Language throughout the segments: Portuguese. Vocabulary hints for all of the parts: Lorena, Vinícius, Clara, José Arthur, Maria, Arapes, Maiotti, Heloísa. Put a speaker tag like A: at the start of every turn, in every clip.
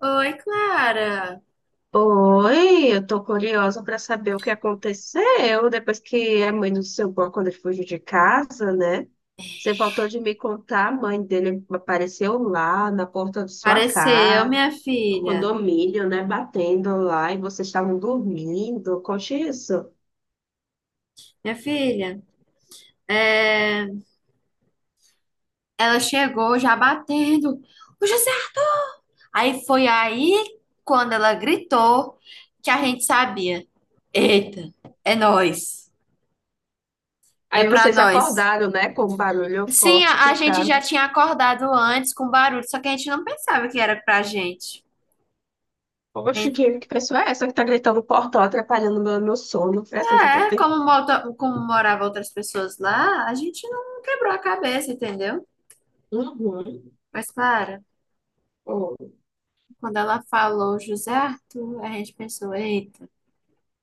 A: Oi, Clara.
B: Oi, eu tô curiosa para saber o que aconteceu depois que a mãe do seu Gó, quando ele fugiu de casa, né? Você faltou de me contar, a mãe dele apareceu lá na porta de sua
A: Apareceu,
B: casa,
A: minha
B: no
A: filha.
B: condomínio, né? Batendo lá e vocês estavam dormindo, conte isso.
A: Minha filha, é, ela chegou já batendo. "Ô, José!" Aí foi aí, quando ela gritou, que a gente sabia. Eita, é nós. É
B: Aí
A: pra
B: vocês
A: nós.
B: acordaram, né? Com o barulho
A: Sim,
B: forte
A: a
B: que
A: gente
B: tá.
A: já tinha acordado antes com barulho, só que a gente não pensava que era pra gente.
B: Poxa, que pessoa é essa que tá gritando no portão, atrapalhando meu sono? Foi assim que eu tô
A: É,
B: pensando.
A: como moravam outras pessoas lá, a gente não quebrou a cabeça, entendeu? Mas, Clara.
B: Uhum.
A: Quando ela falou José Arthur, a gente pensou, eita,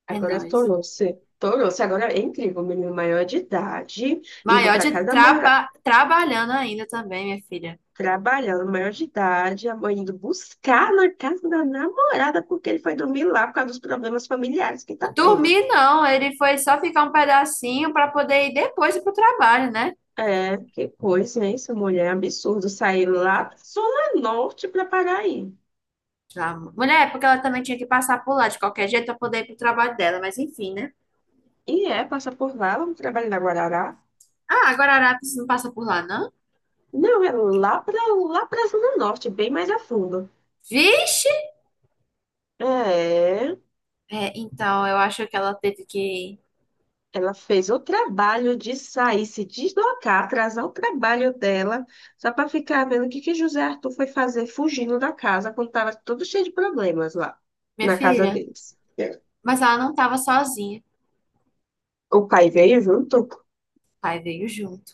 A: é
B: Agora
A: nós.
B: tornou-se, agora é incrível, o menino maior de idade, indo para
A: Maiotti
B: casa da mora,
A: traba, trabalhando ainda também, minha filha.
B: trabalhando maior de idade, a mãe indo buscar na casa da namorada, porque ele foi dormir lá por causa dos problemas familiares que tá tendo.
A: Dormir não, ele foi só ficar um pedacinho para poder ir depois ir pro trabalho, né?
B: É, que coisa, hein? Essa mulher é absurdo sair lá da Zona Norte para Paraí.
A: Já- mulher, é porque ela também tinha que passar por lá de qualquer jeito para poder ir pro trabalho dela, mas enfim, né?
B: E é, passa por lá, vamos trabalhar na Guarará.
A: Ah, agora a Arapes não passa por lá, não?
B: Não, é lá para lá para Zona Norte, bem mais a fundo.
A: Vixe!
B: É.
A: É, então, eu acho que ela teve que.
B: Ela fez o trabalho de sair, se deslocar, atrasar o trabalho dela, só para ficar vendo o que que José Arthur foi fazer fugindo da casa quando estava tudo cheio de problemas lá
A: Minha
B: na casa
A: filha,
B: deles. É.
A: mas ela não tava sozinha. O
B: O pai veio junto
A: pai veio junto.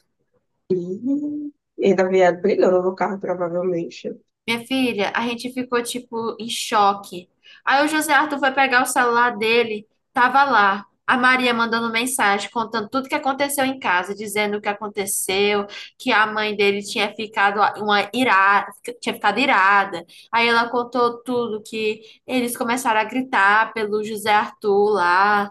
B: e ainda vieram brigando no carro, provavelmente.
A: Minha filha, a gente ficou tipo em choque. Aí o José Arthur foi pegar o celular dele, tava lá. A Maria mandando mensagem, contando tudo que aconteceu em casa, dizendo o que aconteceu, que a mãe dele tinha ficado uma irada, tinha ficado irada. Aí ela contou tudo que eles começaram a gritar pelo José Arthur lá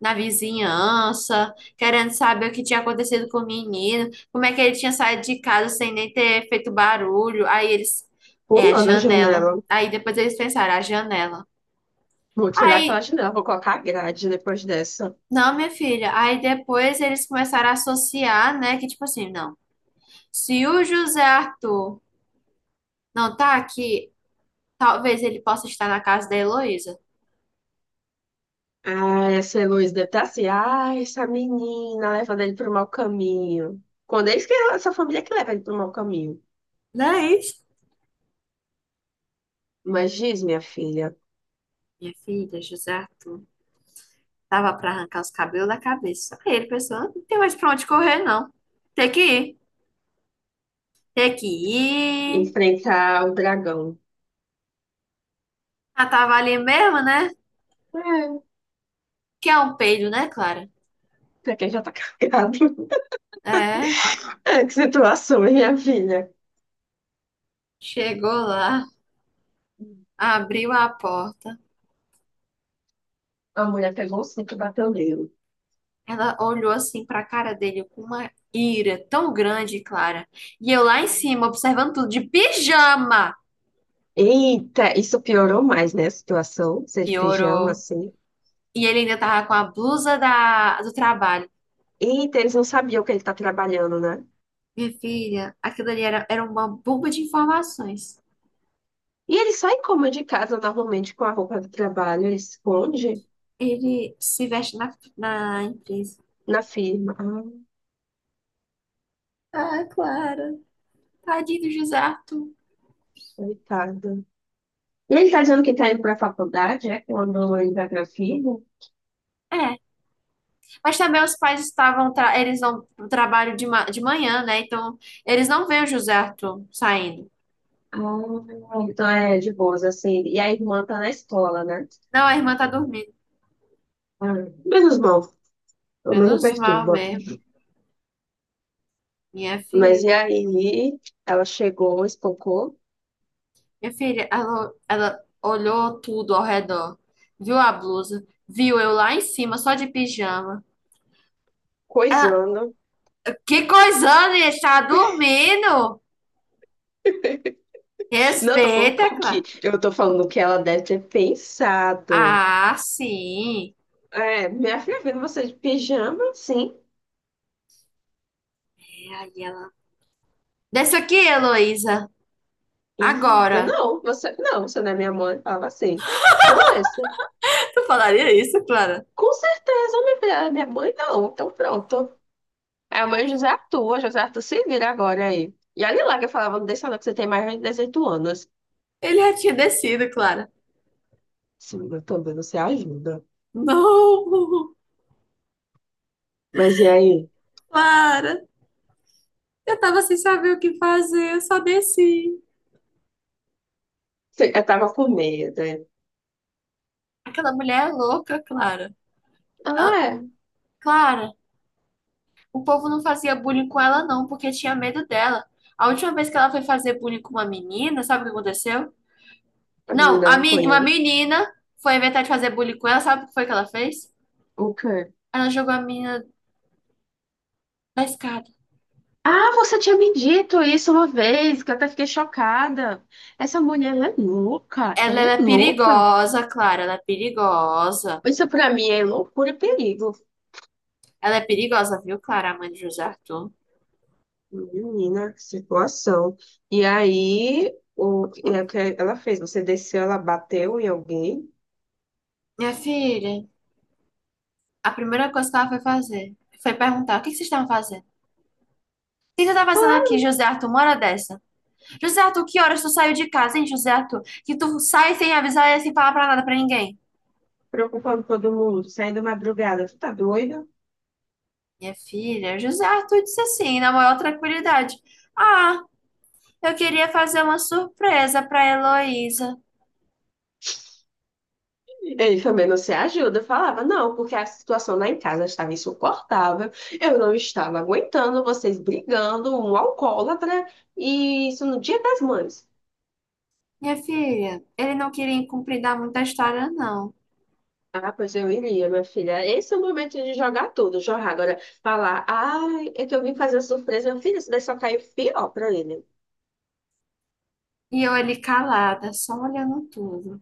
A: na vizinhança, querendo saber o que tinha acontecido com o menino, como é que ele tinha saído de casa sem nem ter feito barulho. Aí eles é a
B: Pulando a
A: janela.
B: janela.
A: Aí depois eles pensaram, a janela.
B: Vou tirar aquela
A: Aí,
B: janela, vou colocar a grade depois dessa.
A: não, minha filha. Aí depois eles começaram a associar, né? Que tipo assim, não. Se o José Arthur não tá aqui, talvez ele possa estar na casa da Heloísa.
B: Ah, essa Heloísa deve estar assim. Ah, essa menina levando ele para o mau caminho. Quando eles que essa família que leva ele para o mau caminho.
A: Não é isso?
B: Mas diz, minha filha,
A: Minha filha, José Arthur. Tava pra arrancar os cabelos da cabeça. Aí ele pensou, não tem mais pra onde correr, não. Tem que ir. Tem que ir.
B: enfrentar o dragão.
A: Ah, tava ali mesmo, né?
B: É,
A: Que é um peido, né, Clara?
B: pra quem já tá carregado.
A: É.
B: É, que situação, hein, minha filha?
A: Chegou lá, abriu a porta.
B: A mulher pegou o cinto e bateu nele.
A: Ela olhou assim pra cara dele com uma ira tão grande, Clara. E eu lá em cima, observando tudo, de pijama.
B: Eita, isso piorou mais, né, a situação, ser de pijama,
A: Piorou.
B: assim.
A: E ele ainda tava com a blusa do trabalho.
B: Eita, eles não sabiam que ele tá trabalhando, né?
A: Minha filha, aquilo ali era uma bomba de informações.
B: E ele sai como de casa normalmente com a roupa do trabalho, ele esconde
A: Ele se veste na empresa.
B: na firma. Ah,
A: Ah, Clara. Tadinho do José Arthur.
B: coitada. E ele tá dizendo que tá indo pra faculdade, é? Quando ele vai pra firma.
A: É, mas também os pais estavam, eles vão pro trabalho de manhã, né? Então, eles não veem o José Arthur saindo.
B: Ah, então é de boas, assim. E a irmã tá na escola, né?
A: Não, a irmã tá dormindo.
B: Ah, menos mal, eu não me
A: Menos mal
B: perturba.
A: mesmo. Minha
B: Mas e
A: filha.
B: aí, ela chegou, espancou.
A: Minha filha, ela olhou tudo ao redor. Viu a blusa. Viu eu lá em cima, só de pijama. Ah,
B: Coisando.
A: que coisando, ele está dormindo.
B: Não, eu tô falando
A: Respeita,
B: o que?
A: Clara.
B: Eu tô falando o que ela deve ter pensado.
A: Ah, sim.
B: É, minha filha vendo você de pijama, sim.
A: É, aí ela. Desce aqui, Heloísa.
B: Eita,
A: Agora.
B: não, você não é minha mãe. Falava assim. Não desça.
A: Tu falaria isso, Clara?
B: Com certeza, minha filha, minha mãe não. Então pronto. É o meu José Arthur, José Arthur se vira agora aí. E olha lá que eu falava, não deixa não, que você tem mais de 18 anos.
A: Ele já tinha descido, Clara.
B: Sim, eu também, você ajuda.
A: Não,
B: Mas e aí?
A: Clara. Eu tava sem saber o que fazer, eu só desci.
B: Eu tava com medo, né?
A: Aquela mulher é louca, Clara. Ah,
B: Ah, é.
A: Clara, o povo não fazia bullying com ela não, porque tinha medo dela. A última vez que ela foi fazer bullying com uma menina, sabe o que aconteceu?
B: A
A: Não,
B: menina
A: uma
B: apanhou.
A: menina foi inventar de fazer bullying com ela, sabe o que foi que ela fez?
B: O quê?
A: Ela jogou a menina da escada.
B: Ah, você tinha me dito isso uma vez, que eu até fiquei chocada. Essa mulher, ela é louca,
A: Ela,
B: ela
A: ela
B: é
A: é
B: louca.
A: perigosa, Clara, ela é perigosa.
B: Isso pra mim é loucura e perigo.
A: Ela é perigosa, viu, Clara, a mãe de José Arthur?
B: Menina, que situação. E aí, e é o que ela fez? Você desceu, ela bateu em alguém?
A: Minha filha, a primeira coisa que ela foi fazer foi perguntar: o que que vocês estavam fazendo? O que você está fazendo aqui, José Arthur, uma hora dessa? José Arthur, que horas tu saiu de casa, hein, José Arthur? Que tu sai sem avisar e sem falar pra nada pra ninguém.
B: Preocupando todo mundo, saindo madrugada. Tu tá doido?
A: Minha filha, José Arthur disse assim, na maior tranquilidade. Ah, eu queria fazer uma surpresa pra Heloísa.
B: Ele também não se ajuda. Eu falava, não, porque a situação lá em casa estava insuportável, eu não estava aguentando vocês brigando, um alcoólatra, e isso no Dia das Mães.
A: Minha filha, ele não queria encomendar muita história, não.
B: Ah, pois eu iria, minha filha. Esse é o momento de jogar tudo, jogar. Agora, falar, ai, é que eu vim fazer uma surpresa, minha filha, isso daí só caiu pior pra ele.
A: E eu ali calada, só olhando tudo.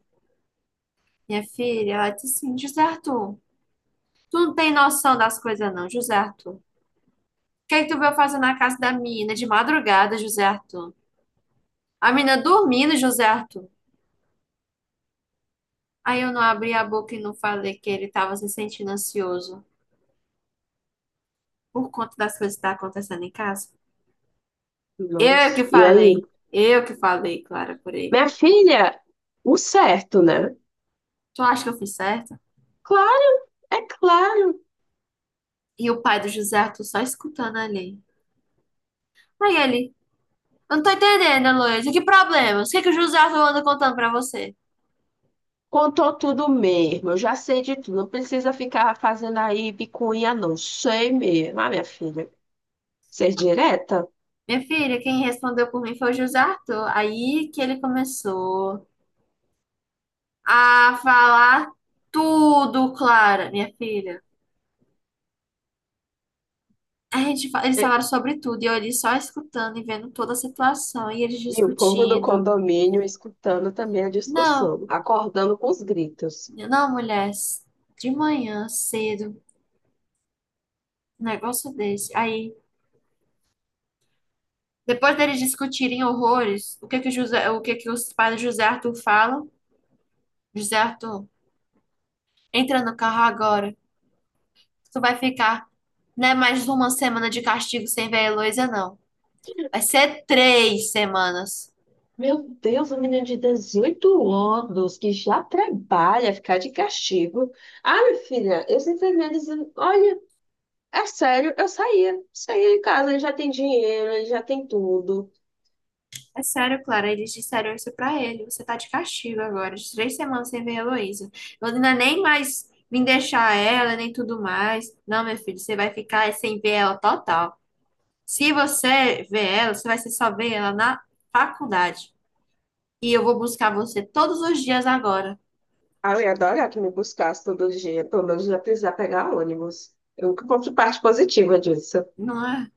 A: Minha filha, ela disse assim, José Arthur, tu não tem noção das coisas, não, José Arthur. O que é que tu veio fazer na casa da menina de madrugada, José Arthur? A menina dormindo, José Arthur. Aí eu não abri a boca e não falei que ele estava se sentindo ansioso por conta das coisas que tá acontecendo em casa. Eu
B: Nossa.
A: que
B: E aí?
A: falei. Eu que falei, Clara, por ele.
B: Minha filha, o certo, né?
A: Tu acha que eu fiz certo?
B: Claro, é claro.
A: E o pai do José Arthur só escutando ali. Aí ele, eu não tô entendendo, Heloísa, que problemas? O que que o José Arthur anda contando pra você?
B: Contou tudo mesmo, eu já sei de tudo. Não precisa ficar fazendo aí bicuinha, não. Sei mesmo, ah, minha filha. Ser direta?
A: Minha filha, quem respondeu por mim foi o José Arthur. Aí que ele começou a falar tudo, Clara, minha filha. Eles
B: E,
A: falaram sobre tudo, e eu ali só escutando e vendo toda a situação, e eles
B: e o povo do
A: discutindo.
B: condomínio escutando também a
A: Não,
B: discussão, acordando com os gritos.
A: não, mulher, de manhã, cedo, um negócio desse. Aí, depois deles discutirem horrores, o que que os pais do José Arthur falam? José Arthur, entra no carro agora. Tu vai ficar, não é mais uma semana de castigo sem ver a Heloísa, não. Vai ser 3 semanas.
B: Meu Deus, um menino de 18 anos que já trabalha, ficar de castigo. Ah, minha filha, eu simplesmente dizendo, olha, é sério, eu saía de casa, ele já tem dinheiro, ele já tem tudo.
A: É sério, Clara, eles disseram isso pra ele. Você tá de castigo agora, de 3 semanas sem ver a Heloísa. Lorena nem mais me deixar ela, nem tudo mais. Não, meu filho, você vai ficar sem ver ela total. Se você ver ela, você vai ser só ver ela na faculdade. E eu vou buscar você todos os dias agora,
B: Ah, eu ia adorar que me buscasse todo dia, pelo menos já precisar pegar ônibus. Eu nunca ponto parte positiva disso.
A: não é?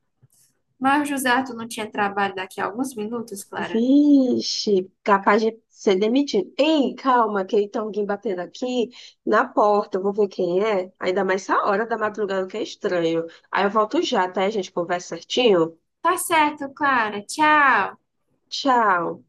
A: Mas o José Arthur não tinha trabalho daqui a alguns minutos, Clara.
B: Vixe, capaz de ser demitido. Ei, calma, que tem alguém batendo aqui na porta, eu vou ver quem é. Ainda mais essa hora da madrugada que é estranho. Aí eu volto já, tá? A gente conversa certinho.
A: Tá certo, Clara. Tchau.
B: Tchau.